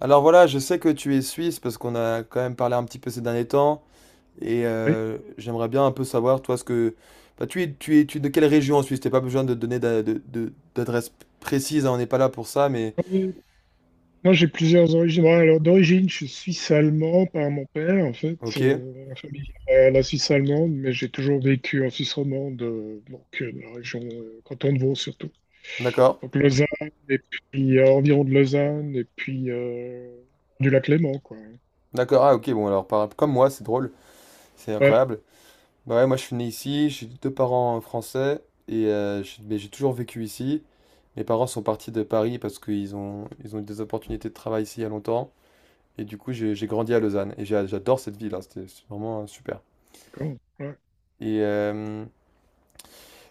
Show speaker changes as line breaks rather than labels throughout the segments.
Alors voilà, je sais que tu es suisse parce qu'on a quand même parlé un petit peu ces derniers temps et
Oui.
j'aimerais bien un peu savoir toi ce que tu es tu es de quelle région en Suisse? T'as pas besoin de donner d'adresse précise, hein, on n'est pas là pour ça, mais
Euh, Moi, j'ai plusieurs origines. Bon, alors, d'origine, je suis suisse-allemand par mon père, en fait.
ok.
La famille la Suisse allemande, mais j'ai toujours vécu en Suisse romande, donc dans la région canton de Vaud surtout.
D'accord.
Donc Lausanne, et puis environ de Lausanne, et puis du lac Léman, quoi.
D'accord, ah ok. Bon, alors comme moi, c'est drôle, c'est
Ouais,
incroyable. Bah ouais, moi je suis né ici, j'ai deux parents français et mais j'ai toujours vécu ici. Mes parents sont partis de Paris parce qu'ils ont eu des opportunités de travail ici il y a longtemps. Et du coup, j'ai grandi à Lausanne et j'adore cette ville, hein, c'était vraiment super.
d'accord. Ouais.
Et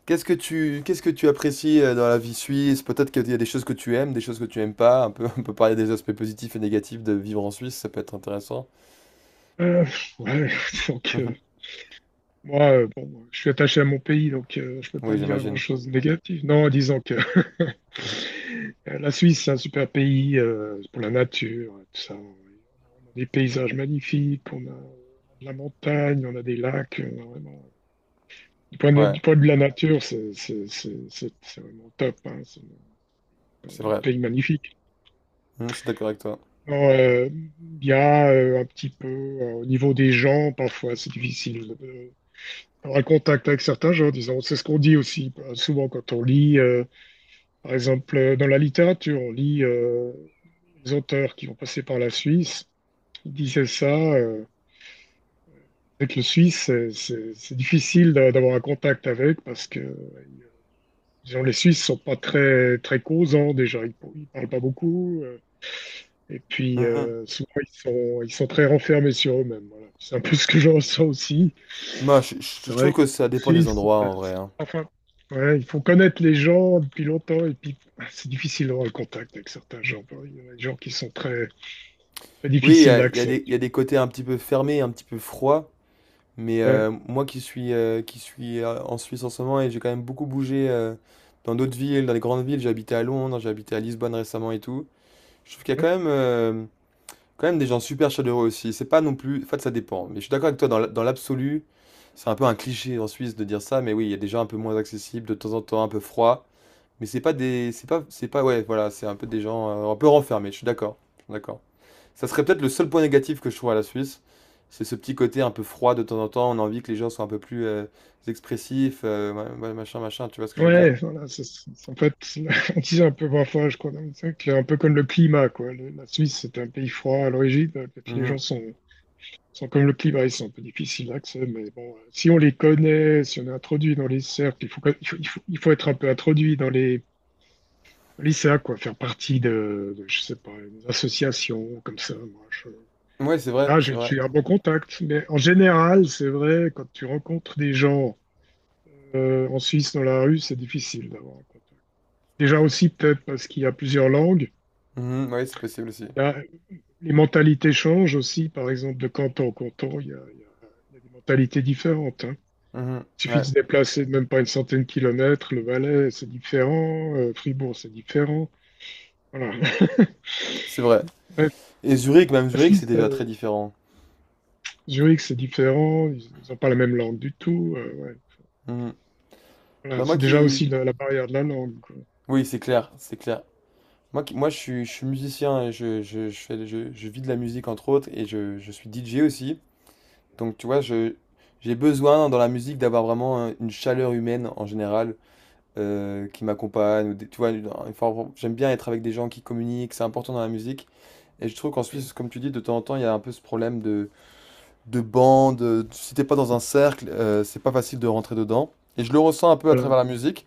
qu'est-ce que tu apprécies dans la vie suisse? Peut-être qu'il y a des choses que tu aimes, des choses que tu aimes pas. Un peu, on peut parler des aspects positifs et négatifs de vivre en Suisse, ça peut être intéressant.
Euh, ouais, donc, euh,
Mhm.
Moi, bon, je suis attaché à mon pays, donc je peux
Oui,
pas dire
j'imagine.
grand-chose de négatif. Non, disons que
Mhm.
la Suisse, c'est un super pays pour la nature, tout ça. On a vraiment des paysages magnifiques, on a de la montagne, on a des lacs. On a vraiment,
Ouais,
du point de vue de la nature, c'est vraiment top, hein. C'est
c'est
un
vrai.
pays magnifique.
Mhm, je suis d'accord avec toi.
Non, il y a un petit peu, au niveau des gens, parfois c'est difficile. Avoir un contact avec certains gens, disons. C'est ce qu'on dit aussi, bah, souvent quand on lit, par exemple, dans la littérature, on lit les auteurs qui vont passer par la Suisse. Ils disaient ça, euh, avec le Suisse, c'est difficile d'avoir un contact avec, parce que, disons, les Suisses sont pas très, très causants déjà, ils parlent pas beaucoup. Et puis,
Mhm.
souvent, ils sont très renfermés sur eux-mêmes, voilà. C'est un peu ce que je ressens aussi.
Moi,
C'est
je
vrai
trouve que ça
qu'en
dépend des
Suisse,
endroits en vrai, hein.
enfin, ouais, il faut connaître les gens depuis longtemps et puis, ah, c'est difficile d'avoir le contact avec certains gens. Il y a des gens qui sont très, très
Oui,
difficiles d'accès.
il y a des côtés un petit peu fermés, un petit peu froids. Mais
Ouais,
moi qui suis, en Suisse en ce moment, et j'ai quand même beaucoup bougé, dans d'autres villes, dans les grandes villes, j'ai habité à Londres, j'ai habité à Lisbonne récemment et tout. Je trouve qu'il y a quand même des gens super chaleureux aussi. C'est pas non plus. En fait, ça dépend. Mais je suis d'accord avec toi, dans l'absolu, c'est un peu un cliché en Suisse de dire ça, mais oui, il y a des gens un peu moins accessibles, de temps en temps un peu froids. Mais c'est pas des. C'est pas, c'est pas. Ouais, voilà, c'est un peu des gens un peu renfermés, je suis d'accord. Je suis d'accord. Ça serait peut-être le seul point négatif que je trouve à la Suisse. C'est ce petit côté un peu froid de temps en temps. On a envie que les gens soient un peu plus expressifs, ouais, machin, machin. Tu vois ce que je veux dire?
ouais, voilà, en fait, on disait un peu parfois, je crois, c'est un peu comme le climat, quoi. La Suisse, c'est un pays froid à l'origine. Peut-être les gens
Mhm.
sont comme le climat, ils sont un peu difficiles d'accès, mais bon, si on les connaît, si on est introduit dans les cercles, il faut être un peu introduit dans les. Le lycéa, quoi, faire partie de, je sais pas, une association comme ça.
Ouais, c'est vrai,
Là,
c'est
j'ai
vrai.
j'ai un bon contact. Mais en général, c'est vrai, quand tu rencontres des gens en Suisse dans la rue, c'est difficile d'avoir un contact. Déjà aussi, peut-être parce qu'il y a plusieurs langues.
Mhm, ouais, c'est possible aussi.
Là, les mentalités changent aussi, par exemple, de canton en canton, il y a, il y a- il y a des mentalités différentes, hein.
Mhm,
Il suffit de
ouais,
se déplacer de même pas une centaine de kilomètres. Le Valais, c'est différent. Fribourg, c'est différent. Voilà.
c'est vrai.
Ouais,
Et Zurich, même
la
Zurich, c'est
Suisse,
déjà très différent.
Zurich, c'est différent, ils n'ont pas la même langue du tout. Ouais.
Mhm.
Voilà,
Bah moi
c'est déjà
qui...
aussi la barrière de la langue, quoi.
Oui, c'est clair, c'est clair. Moi, qui... moi je suis musicien et je vis de la musique entre autres, et je suis DJ aussi. Donc tu vois, je, j'ai besoin dans la musique d'avoir vraiment une chaleur humaine en général, qui m'accompagnent. Ou des... Tu vois, j'aime bien être avec des gens qui communiquent, c'est important dans la musique. Et je trouve qu'en
Quand-
Suisse, comme tu dis, de temps en temps, il y a un peu ce problème de bande. Si t'es pas dans un cercle, c'est pas facile de rentrer dedans. Et je le ressens un peu à
Voilà.
travers la musique.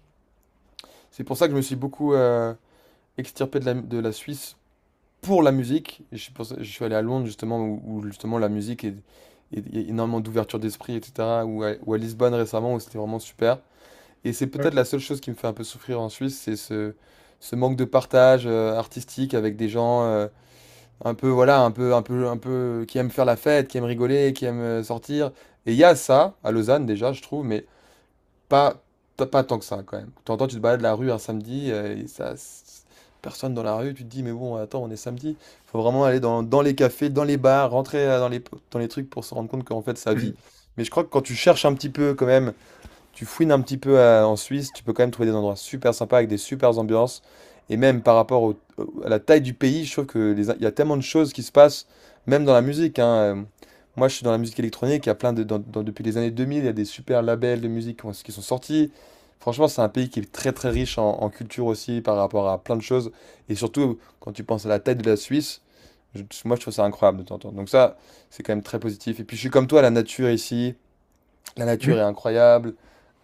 C'est pour ça que je me suis beaucoup extirpé de la Suisse pour la musique. Et je suis allé à Londres, justement, où, où justement la musique est, est- il y a énormément d'ouverture d'esprit, etc. Ou à Lisbonne récemment, où c'était vraiment super. Et c'est
Ouais.
peut-être la seule chose qui me fait un peu souffrir en Suisse, c'est ce, ce manque de partage artistique avec des gens, un peu, voilà, un peu, qui aiment faire la fête, qui aiment rigoler, qui aiment sortir. Et il y a ça à Lausanne déjà, je trouve, mais pas, pas tant que ça quand même. T'entends, tu te balades la rue un samedi, personne dans la rue, tu te dis, mais bon, attends, on est samedi. Faut vraiment aller dans, dans les cafés, dans les bars, rentrer dans les trucs pour se rendre compte qu'en fait, ça vit.
Mhm.
Mais je crois que quand tu cherches un petit peu quand même, tu fouines un petit peu en Suisse, tu peux quand même trouver des endroits super sympas avec des super ambiances. Et même par rapport à la taille du pays, je trouve que il y a tellement de choses qui se passent, même dans la musique, hein. Euh, moi, je suis dans la musique électronique, il y a plein de, depuis les années 2000, il y a des super labels de musique qui sont sortis. Franchement, c'est un pays qui est très très riche en, en culture aussi par rapport à plein de choses. Et surtout, quand tu penses à la taille de la Suisse, moi je trouve ça incroyable de t'entendre. Donc ça, c'est quand même très positif. Et puis je suis comme toi, la nature ici, la nature est
Mhm.
incroyable.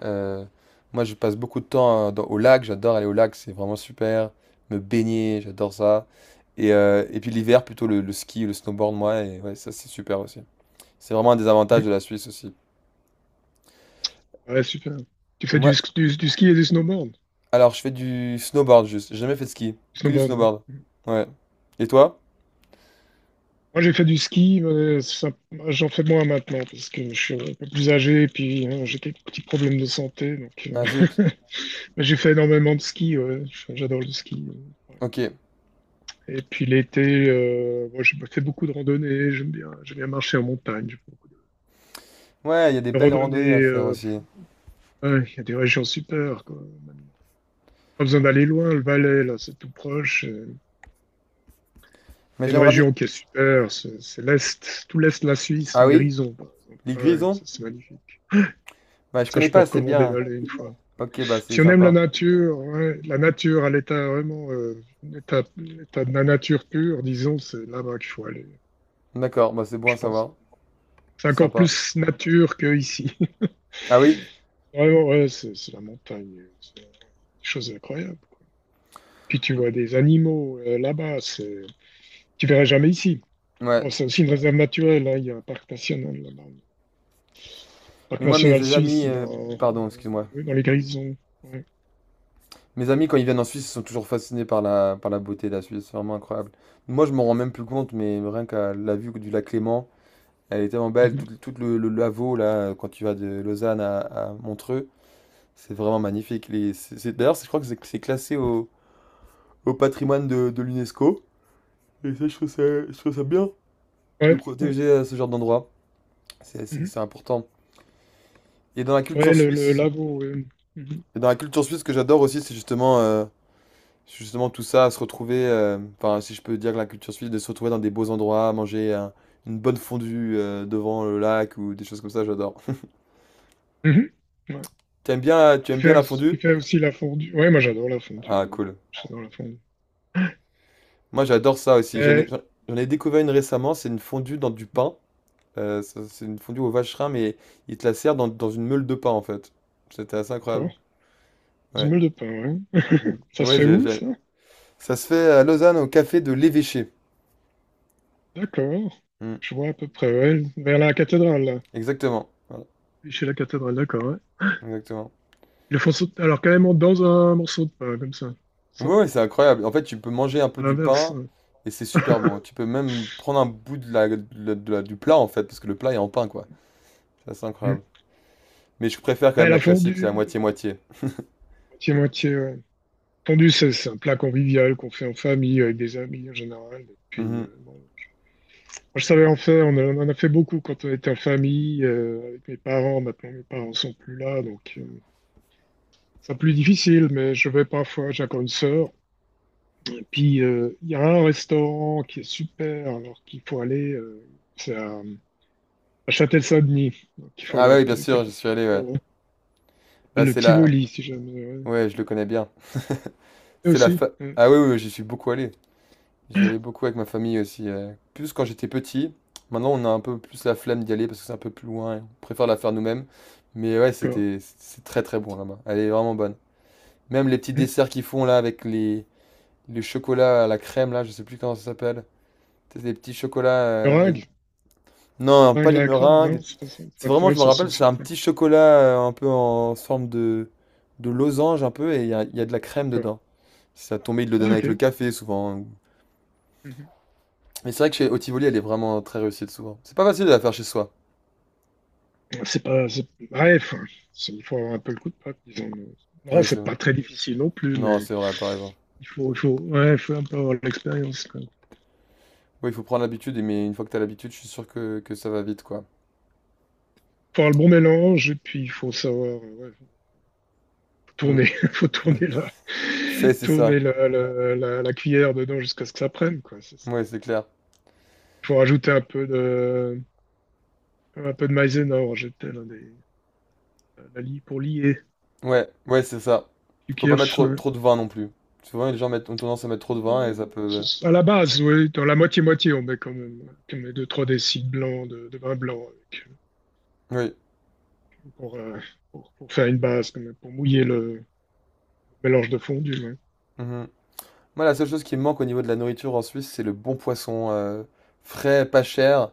Euh, moi, je passe beaucoup de temps, au lac. J'adore aller au lac, c'est vraiment super. Me baigner, j'adore ça. Et puis l'hiver, plutôt le ski, le snowboard, moi. Et ouais, ça, c'est super aussi. C'est vraiment un des avantages de
Mhm.
la Suisse aussi.
Ouais, super. Tu fais du,
Moi,
sk- du, du ski et du snowboard.
alors, je fais du snowboard juste. J'ai jamais fait de ski.
Du
Que du
snowboard, oui.
snowboard. Ouais. Et toi?
Moi, j'ai fait du ski, mais j'en fais moins maintenant parce que je suis un peu plus âgé et puis, hein, j'ai des petits problèmes de santé. Donc,
Ah zut.
mais j'ai fait énormément de ski, ouais. Enfin, j'adore le ski, par
Ok.
exemple. Et puis l'été, moi, j'ai fait beaucoup de randonnées. J'aime bien marcher en montagne. J'ai fait beaucoup
Ouais, il y a des
de
belles
randonnées,
randonnées à faire aussi.
ouais, il y a des régions super, quoi. Même pas besoin d'aller loin, le Valais, là, c'est tout proche. Il
Mais
y a une
j'aimerais bien.
région qui est super, c'est l'Est, tout l'Est de la Suisse,
Ah
les
oui?
Grisons, par exemple.
L'île
Ah ouais,
Grison?
ça, c'est magnifique.
Bah, je
Ça,
connais
je
pas
peux
assez
recommander
bien.
d'aller une fois.
Ok, bah, c'est
Si on aime la
sympa.
nature, ouais, la nature à l'état vraiment, l'état de la nature pure, disons, c'est là-bas qu'il faut aller,
D'accord, bah, c'est bon à
je pense.
savoir.
C'est
C'est
encore
sympa.
plus nature que ici.
Ah oui?
Vraiment, ouais, c'est la montagne. C'est des choses incroyables, quoi. Puis tu
M-
vois des animaux là-bas, c'est. Tu verras jamais ici.
Ouais.
Bon, c'est aussi une réserve naturelle, hein. Il y a un parc national là-bas. Le Parc
Mais moi, mes
national suisse,
amis,
il est
pardon,
en-
excuse-moi.
ouais, dans les Grisons. Ouais.
Mes amis, quand ils viennent en Suisse, ils sont toujours fascinés par la beauté de la Suisse. C'est vraiment incroyable. Moi, je m'en rends même plus compte, mais rien qu'à la vue du lac Léman, elle est tellement belle. Tout,
Mhm.
le Lavau, là, quand tu vas de Lausanne à Montreux, c'est vraiment magnifique. Les, c'est, je crois que c'est classé au, au patrimoine de l'UNESCO. Et ça, je trouve ça bien de
Ouais, ouais.
protéger ce genre d'endroit.
Mhm.
C'est important. Et dans la
Ouais,
culture
le
suisse,
lago, ouais. Mhm.
et dans la culture suisse, ce que j'adore aussi, c'est justement. Justement, tout ça, se retrouver, enfin, si je peux dire que la culture suisse, de se retrouver dans des beaux endroits, manger un une bonne fondue, devant le lac ou des choses comme ça, j'adore.
Mhm. Ouais.
Tu aimes bien la
Tu
fondue?
fais aussi la fondue. Ouais, moi j'adore la
Ah
fondue, ouais.
cool.
J'adore la fondue.
Moi, j'adore ça aussi.
Mais,
J'en ai découvert une récemment, c'est une fondue dans du pain. Ça c'est une fondue au vacherin, mais ils te la servent dans une meule de pain, en fait. C'était assez incroyable.
d'accord, une
Ouais.
meule de pain, ouais.
Mmh.
Ça se
Ouais,
fait où,
j'ai
ça?
ça se fait à Lausanne, au café de l'Évêché.
D'accord.
Mmh.
Je vois à peu près, ouais. Vers la cathédrale, là.
Exactement. Voilà,
Oui, chez la cathédrale, d'accord, ouais.
exactement.
Ils le font sauter, alors carrément dans un morceau de pain, comme ça.
Ouais,
Ça,
ouais, c'est incroyable. En fait, tu peux manger un peu
à
du
l'inverse.
pain et c'est super bon. Tu peux même prendre un bout du plat en fait, parce que le plat est en pain quoi. C'est assez
Mm.
incroyable. Mais je préfère quand
Ouais,
même la
la
classique, la
fondue,
moitié-moitié.
moitié-moitié, ouais. Fondue, c'est un plat convivial qu'on fait en famille, avec des amis en général. Et puis,
Mhm.
bon. Moi, je savais en faire, on en a fait beaucoup quand on était en famille, avec mes parents. Maintenant, mes parents sont plus là, donc c'est plus difficile, mais je vais parfois, j'ai encore une sœur. Et puis, il y a un restaurant qui est super, alors qu'il faut aller, c'est à, Châtel-Saint-Denis, donc il faut
Ah
aller
ouais,
un
oui,
peu
bien
du
sûr, j'y
côté.
suis
Du
allé. Ouais. Là,
Le
c'est la.
Tivoli, si jamais, ouais.
Ouais, je le connais bien.
Et
C'est la
aussi,
fa...
ouais,
Ah oui, oui, oui, j'y suis beaucoup allé. J'y allais beaucoup avec ma famille aussi, plus quand j'étais petit. Maintenant, on a un peu plus la flemme d'y aller parce que c'est un peu plus loin, et on préfère la faire nous-mêmes. Mais ouais,
d'accord.
c'est très très bon là-bas. Elle est vraiment bonne. Même les petits desserts qu'ils font là avec les... Les chocolats à la crème, là, je sais plus comment ça s'appelle. Tu des petits chocolats avec...
Meringue?
Non, pas
Vaincre
les
la crème?
meringues.
Non, c'est pas ça. Faut
C'est
être
vraiment,
loin
je
de
me
sa
rappelle, c'est un
société.
petit chocolat un peu en forme de losange, un peu, et il y a de la crème
D'accord.
dedans. Si ça tombait, ils le
Ah,
donnaient
ok.
avec le café, souvent, hein.
Mhm.
Mais c'est vrai que chez Otivoli, elle est vraiment très réussite, souvent. C'est pas facile de la faire chez soi.
C'est pas. C'est- Ouais, il faut avoir un peu le coup de patte, disons. Non,
Oui, c'est
c'est
vrai.
pas très difficile non plus,
Non,
mais
c'est vrai, t'as raison.
ouais, il faut un peu avoir l'expérience, quoi.
Oui, il faut prendre l'habitude, mais une fois que t'as l'habitude, je suis sûr que ça va vite, quoi.
Faut avoir le bon mélange, et puis il faut savoir, ouais, faut
Hmm.
tourner, faut tourner
Fait, c'est ça.
la cuillère dedans jusqu'à ce que ça prenne, quoi. C'est ça.
Oui
Il
c'est clair.
faut rajouter un peu de maïzena, pour lier,
Ouais, ouais, c'est ça.
du
Faut pas mettre
kirsch.
trop, trop de vin non plus. Souvent, les gens mettent, ont tendance à mettre trop de vin et ça peut.
À la base, oui, dans la moitié-moitié, on met quand même, on met deux, trois décis de blanc, de vin blanc avec,
euh,
pour, euh, pour faire une base, quand même, pour mouiller le mélange de fondu, ouais.
Oui. Mhm. Moi, la seule chose qui me manque au niveau de la nourriture en Suisse, c'est le bon poisson, frais, pas cher,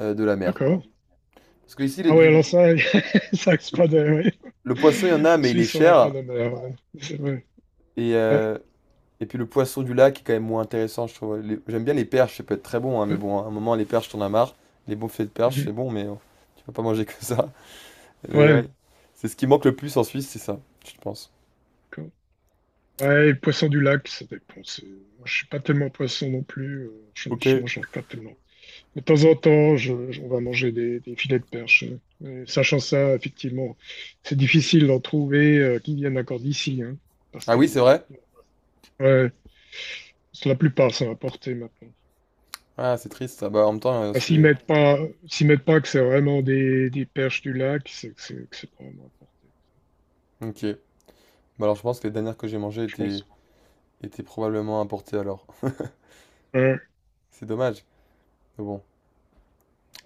de la mer, quoi.
D'accord.
Parce que ici,
Ah oui, alors ça, ça c'est
le,
pas de, ouais.
le poisson, il y en a,
En
mais il est
Suisse, on n'a pas
cher.
de mer, ouais. C'est vrai.
Et,
Ouais,
euh, et puis le poisson du lac est quand même moins intéressant, je trouve. J'aime bien les perches, ça peut être très bon, hein, mais
ouais.
bon, à un moment, les perches, t'en as marre. Les bons filets de perches, c'est
Mhm.
bon, mais tu vas pas manger que ça. Mais ouais,
Ouais,
c'est ce qui manque le plus en Suisse, c'est ça, je pense.
d'accord. Ouais, et poisson du lac, ça dépend. Moi, je suis pas tellement poisson non plus. Je
Ok.
ne mange pas tellement. De temps en temps, on va manger des filets de perche. Mais sachant ça, effectivement, c'est difficile d'en trouver qui viennent encore d'ici, hein, parce
Ah
que
oui, c'est vrai?
ouais, c'est la plupart sont importés maintenant.
Ah, c'est triste. Ah bah, en même temps,
Ah,
c'est...
s'ils mettent pas que c'est vraiment des perches du lac, c'est que c'est probablement importé,
Ok. Bah alors, je pense que les dernières que j'ai mangées
je pense.
étaient... étaient probablement importées alors.
Ouais,
C'est dommage. Mais bon,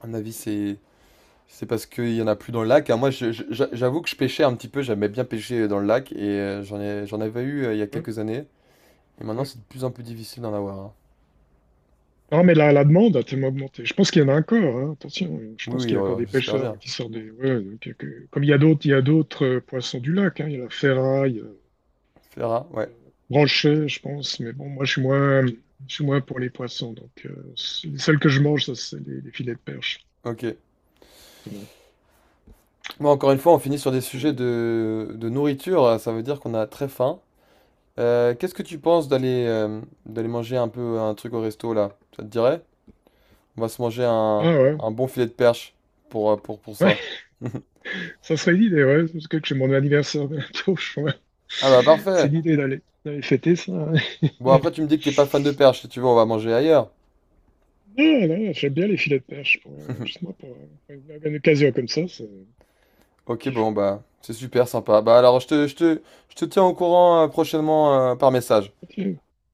à mon avis, c'est... C'est parce qu'il y en a plus dans le lac, hein. Moi, j'avoue que je pêchais un petit peu. J'aimais bien pêcher dans le lac. Et j'en ai... j'en avais eu il y a
ouais,
quelques années. Et maintenant,
ouais.
c'est de plus en plus difficile d'en avoir, hein.
Non, mais la demande a tellement augmenté. Je pense qu'il y en a encore, hein, attention. Je pense
Oui, oui,
qu'il y a
ouais,
encore
ouais,
des
j'espère bien.
pêcheurs qui sortent des, ouais. Comme il y a d'autres, poissons du lac, hein. Il y a la ferraille.
Fera, ouais.
Branché, je pense, mais bon, moi, je suis moins pour les poissons. Donc, les seuls que je mange, ça, c'est les filets de perche,
Ok.
justement.
Bon, encore une fois, on finit sur des
Donc,
sujets de nourriture. Ça veut dire qu'on a très faim. Qu'est-ce que tu penses d'aller, d'aller manger un peu un truc au resto là? Ça te dirait? On va se manger
ah ouais,
un bon filet de perche pour, pour
ouais,
ça.
ça serait une idée, ouais, parce que j'ai mon anniversaire bientôt, je crois.
Ah bah
C'est
parfait.
l'idée d'aller fêter ça, hein.
Bon après tu me dis que t'es pas fan de perche, si tu veux on va manger ailleurs.
Non, non, j'aime bien les filets de perche, pour, justement, pour une occasion comme ça, c'est
Ok
kiff.
bon bah c'est super sympa. Bah alors je te tiens au courant, prochainement par message.
Ok.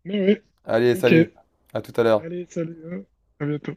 Mais ouais,
Allez
ouais,
salut,
ok.
à tout à l'heure.
Allez, salut, hein. À bientôt.